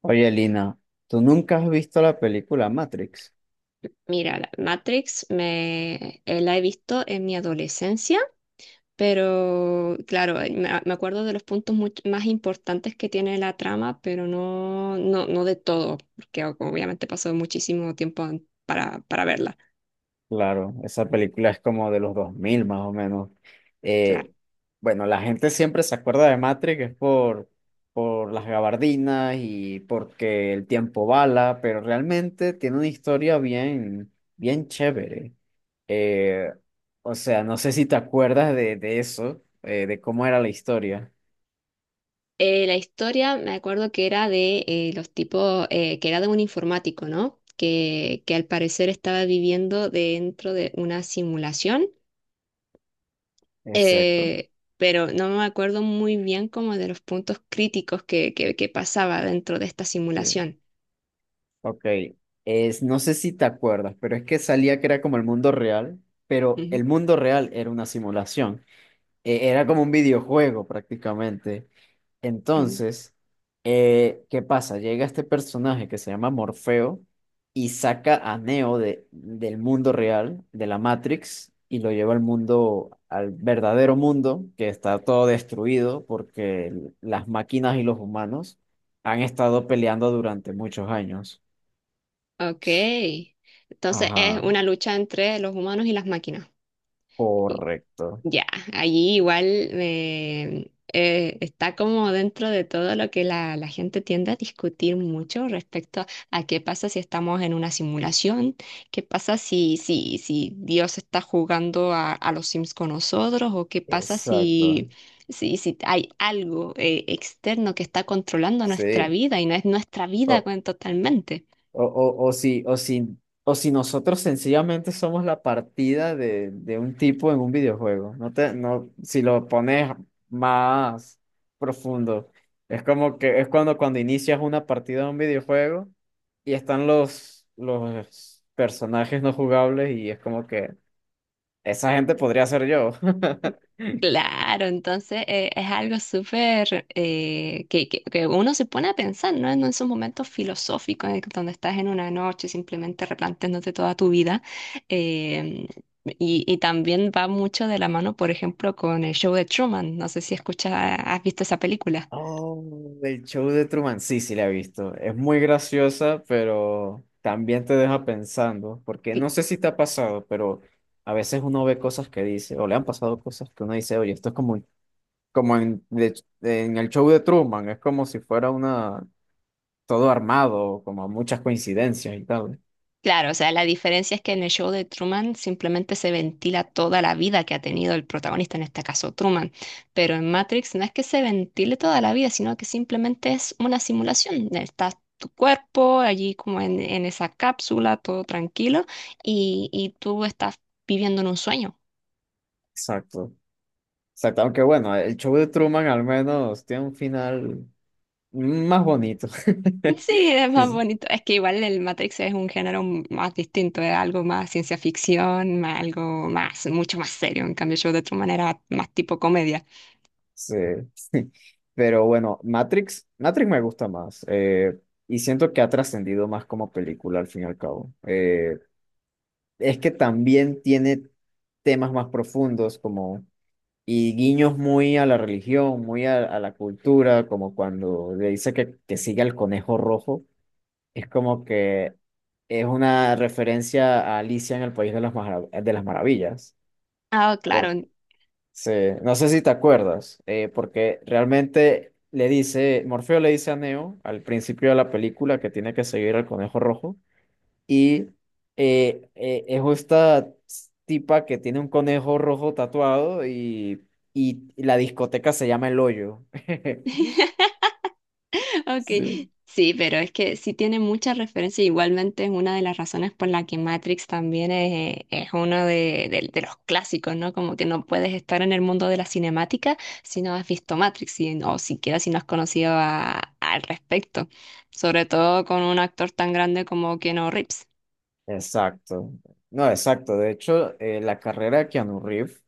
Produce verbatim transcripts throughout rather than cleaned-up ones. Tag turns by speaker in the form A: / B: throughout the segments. A: Oye, Lina, ¿tú nunca has visto la película Matrix?
B: Mira, la Matrix me eh, la he visto en mi adolescencia, pero claro, eh, me, me acuerdo de los puntos much- más importantes que tiene la trama, pero no, no, no de todo, porque o- obviamente pasó muchísimo tiempo an- para, para verla.
A: Claro, esa película es como de los dos mil más o menos. Eh,
B: Claro.
A: bueno, la gente siempre se acuerda de Matrix es por, por las gabardinas y porque el tiempo bala, pero realmente tiene una historia bien, bien chévere. Eh, o sea, no sé si te acuerdas de, de eso, eh, de cómo era la historia.
B: Eh, la historia me acuerdo que era de eh, los tipos, eh, que era de un informático, ¿no? Que, que al parecer estaba viviendo dentro de una simulación,
A: Exacto.
B: eh, pero no me acuerdo muy bien como de los puntos críticos que, que, que pasaba dentro de esta simulación.
A: Ok, es, no sé si te acuerdas, pero es que salía que era como el mundo real, pero
B: Ujú,
A: el mundo real era una simulación. Eh, era como un videojuego prácticamente.
B: ujú.
A: Entonces, eh, ¿qué pasa? Llega este personaje que se llama Morfeo y saca a Neo de, del mundo real, de la Matrix, y lo lleva al mundo, al verdadero mundo, que está todo destruido porque las máquinas y los humanos han estado peleando durante muchos años.
B: Ok, entonces es
A: Ajá,
B: una lucha entre los humanos y las máquinas.
A: correcto.
B: Ya, allí igual eh, eh, está como dentro de todo lo que la, la gente tiende a discutir mucho respecto a qué pasa si estamos en una simulación, qué pasa si, si, si Dios está jugando a, a los Sims con nosotros, o qué pasa
A: Exacto.
B: si, si, si hay algo eh, externo que está controlando nuestra
A: Sí.
B: vida y no es nuestra vida
A: O,
B: con- totalmente.
A: o, o, o si, o si, o si, nosotros sencillamente somos la partida de, de un tipo en un videojuego. No te, no, si lo pones más profundo. Es como que es cuando, cuando inicias una partida de un videojuego y están los, los personajes no jugables y es como que esa gente podría ser yo.
B: Claro, entonces eh, es algo súper eh, que, que- que uno se pone a pensar, ¿no? En esos momentos filosóficos en el que- donde estás en una noche simplemente replanteándote toda tu vida. eh, y, y también va mucho de la mano, por ejemplo, con el show de Truman. No sé si escuchas, has visto esa película.
A: Oh, el show de Truman, sí, sí la he visto. Es muy graciosa, pero también te deja pensando, porque no sé si te ha pasado, pero a veces uno ve cosas que dice, o le han pasado cosas que uno dice, oye, esto es como, como en, de- en el show de Truman, es como si fuera una, todo armado, como muchas coincidencias y tal.
B: Claro, o sea, la diferencia es que en el show de Truman simplemente se ventila toda la vida que ha tenido el protagonista, en este caso Truman, pero en Matrix no es que se ventile toda la vida, sino que simplemente es una simulación. Está tu cuerpo allí como en, en esa cápsula, todo tranquilo, y, y tú estás viviendo en un sueño.
A: Exacto. Exacto, aunque bueno, el show de Truman al menos tiene un final más bonito.
B: Sí, es
A: Sí,
B: más
A: sí.
B: bonito. Es que igual el Matrix es un género m- más distinto, es algo más ciencia ficción, más algo más, mucho más serio. En cambio, el show de Truman era más tipo comedia.
A: Sí. Pero bueno, Matrix, Matrix me gusta más. Eh, y siento que ha trascendido más como película al fin y al cabo. Eh, es que también tiene temas más profundos como y guiños muy a la religión, muy a, a la cultura, como cuando le dice que, que sigue al conejo rojo. Es como que es una referencia a Alicia en el País de las, Marav- de las Maravillas,
B: Ah,
A: por
B: claro.
A: sí, no sé si te acuerdas, eh, porque realmente le dice, Morfeo le dice a Neo al principio de la película que tiene que seguir al conejo rojo y eh, eh, es esta tipa que tiene un conejo rojo tatuado y, y la discoteca se llama El Hoyo.
B: Ok,
A: Sí.
B: sí, pero es que sí tiene muchas referencias. Igualmente es una de las razones por la que Matrix también es, es uno de, de- de los clásicos, ¿no? Como que no puedes estar en el mundo de la cinemática si no has visto Matrix y- o siquiera si no has conocido a- al respecto. Sobre todo con un actor tan grande como Keanu Reeves.
A: Exacto. No, exacto. De hecho, eh, la carrera de Keanu Reeves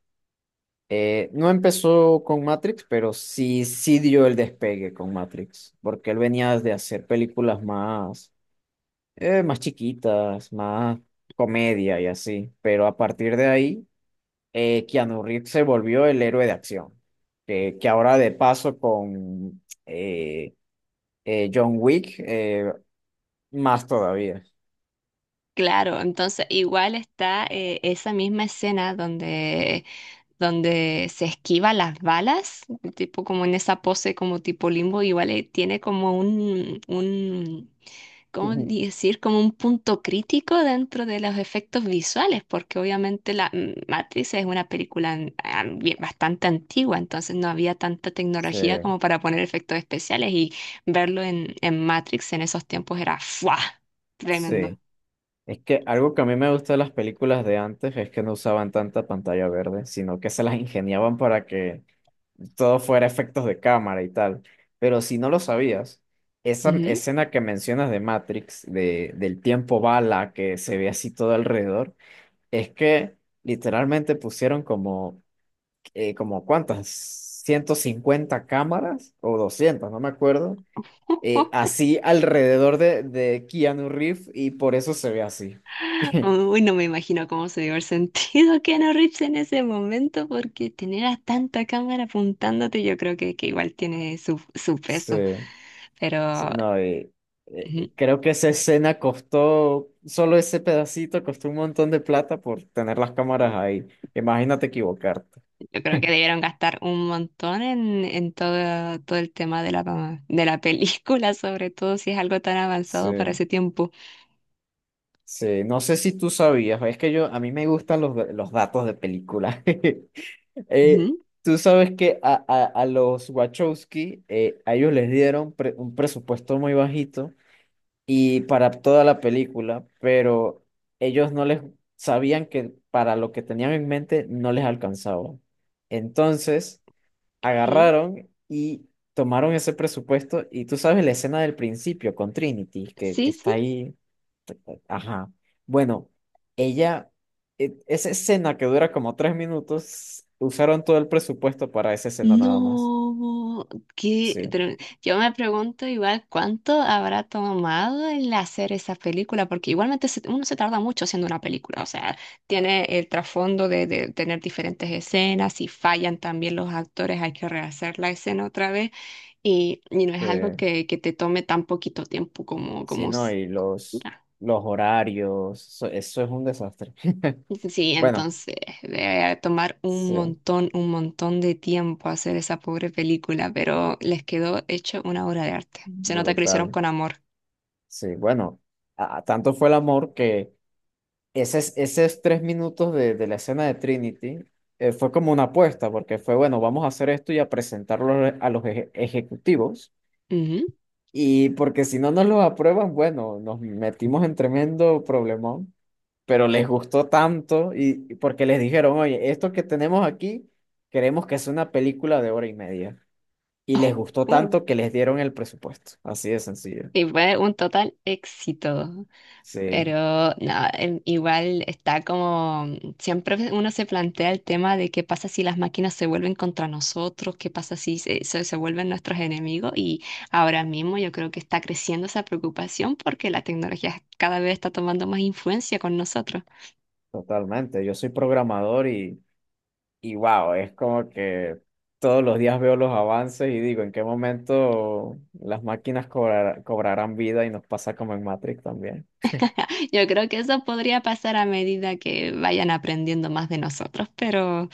A: Eh, no empezó con Matrix, pero sí, sí dio el despegue con Matrix, porque él venía de hacer películas más, eh, más chiquitas, más comedia y así. Pero a partir de ahí, eh, Keanu Reeves se volvió el héroe de acción, que, que ahora de paso con eh, eh, John Wick, eh, más todavía.
B: Claro, entonces igual está eh, esa misma escena donde donde se esquiva las balas, tipo como en esa pose como tipo limbo, igual eh, tiene como un, un, ¿cómo decir? Como un punto crítico dentro de los efectos visuales, porque obviamente la mm, Matrix es una película an- an- bien- bastante antigua, entonces no había tanta
A: Sí,
B: tecnología como para poner efectos especiales y verlo en, en Matrix en esos tiempos era ¡fua! Tremendo.
A: sí. Es que algo que a mí me gusta de las películas de antes es que no usaban tanta pantalla verde, sino que se las ingeniaban para que todo fuera efectos de cámara y tal. Pero si no lo sabías, esa
B: Ujú.
A: escena que mencionas de Matrix, de, del tiempo bala que se ve así todo alrededor, es que literalmente pusieron como, eh, como ¿cuántas? Ciento cincuenta cámaras o doscientas, no me acuerdo, eh, así alrededor de, de Keanu Reeves y por eso se ve así.
B: Uy, no me imagino cómo se dio el sentido Keanu Reeves en ese momento, porque tener a tanta cámara apuntándote, yo creo que, que igual tiene su, su
A: Sí,
B: peso.
A: sí,
B: Pero
A: no, y, eh,
B: mm,
A: eh, creo que esa escena costó, solo ese pedacito costó un montón de plata por tener las cámaras ahí. Imagínate equivocarte.
B: yo creo que debieron gastar un montón en, en todo, todo el tema de la, de la película, sobre todo si es algo tan
A: Sí,
B: avanzado para ese tiempo.
A: sí, no sé si tú sabías, es que yo, a mí me gustan los, los datos de películas. Eh,
B: Ujú.
A: Tú sabes que a, a, a los Wachowski, eh, a ellos les dieron pre- un presupuesto muy bajito y para toda la película, pero ellos no les sabían que para lo que tenían en mente no les alcanzaba. Entonces,
B: Ok.
A: agarraron y tomaron ese presupuesto y tú sabes la escena del principio con Trinity, que, que
B: Sí,
A: está
B: sí.
A: ahí. Ajá. Bueno, ella, e- esa escena que dura como tres minutos, usaron todo el presupuesto para esa escena nada más.
B: No, qué
A: Sí.
B: tre- yo me pregunto igual cuánto habrá tomado el hacer esa película, porque igualmente se- uno se tarda mucho haciendo una película, o sea, tiene el trasfondo de, de tener diferentes escenas, si fallan también los actores hay que rehacer la escena otra vez y, y no es
A: Sí.
B: algo que, que te tome tan poquito tiempo como,
A: Sí,
B: como
A: no,
B: s-
A: y los, los horarios, eso, eso es un desastre.
B: Sí,
A: Bueno,
B: entonces debe tomar un
A: sí,
B: montón, un montón de tiempo hacer esa pobre película, pero les quedó hecho una obra de arte. Se nota que lo hicieron
A: brutal.
B: con amor.
A: Sí, bueno, a- a tanto fue el amor que esos, esos tres minutos de, de la escena de Trinity eh, fue como una apuesta, porque fue, bueno, vamos a hacer esto y a presentarlo a los eje- ejecutivos,
B: Ujú.
A: y porque si no nos lo aprueban, bueno, nos metimos en tremendo problemón. Pero les gustó tanto y y porque les dijeron, oye, esto que tenemos aquí, queremos que sea una película de hora y media. Y les gustó
B: Oh, uh.
A: tanto que les dieron el presupuesto. Así de sencillo.
B: Y fue un total éxito.
A: Sí,
B: Pero no, em, igual está como, siempre uno se plantea el tema de qué pasa si las máquinas se vuelven contra nosotros, qué pasa si se, se- se vuelven nuestros enemigos, y ahora mismo yo creo que está creciendo esa preocupación porque la tecnología cada vez está tomando más influencia con nosotros.
A: totalmente. Yo soy programador y, y wow, es como que todos los días veo los avances y digo, ¿en qué momento las máquinas cobrar- cobrarán vida y nos pasa como en Matrix también?
B: Yo creo que eso podría pasar a medida que vayan aprendiendo más de nosotros, pero,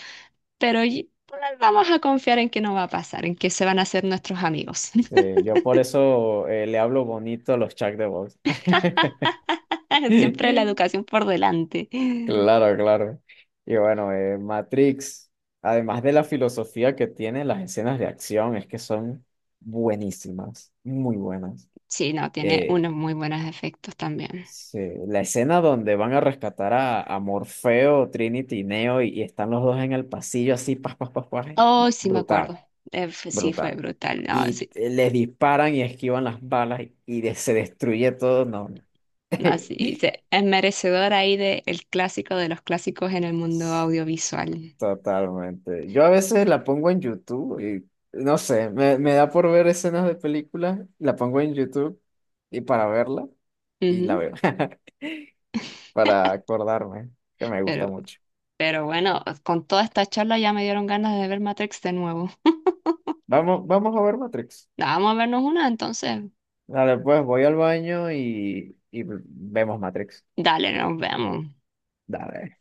B: pero y- vamos a confiar en que no va a pasar, en que se van a hacer nuestros amigos.
A: Sí, yo por eso eh, le hablo bonito a los chats de voz.
B: Siempre la educación por delante.
A: Claro, claro. Y bueno, eh, Matrix, además de la filosofía que tiene, las escenas de acción es que son buenísimas, muy buenas.
B: Sí, no, tiene
A: Eh,
B: unos muy buenos efectos también.
A: se- la escena donde van a rescatar a, a Morfeo, Trinity y Neo y, y, están los dos en el pasillo así, pas, pas, pas, pas,
B: Oh, sí, me
A: brutal,
B: acuerdo. Eh, fue- sí, fue
A: brutal.
B: brutal. No,
A: Y
B: sí,
A: eh, les disparan y esquivan las balas y, y de- se destruye todo, no.
B: no, sí, se- es merecedor ahí de el clásico de los clásicos en el
A: No.
B: mundo audiovisual.
A: Totalmente. Yo a veces la pongo en YouTube y no sé, me, me da por ver escenas de películas, la pongo en YouTube y para verla y la
B: Ujú.
A: veo, para acordarme que me gusta
B: Pero,
A: mucho.
B: pero bueno, con toda esta charla ya me dieron ganas de ver Matrix de nuevo.
A: Vamos, vamos a ver Matrix.
B: Vamos a vernos una, entonces.
A: Dale, pues voy al baño y, y vemos Matrix.
B: Dale, nos vemos.
A: Dale.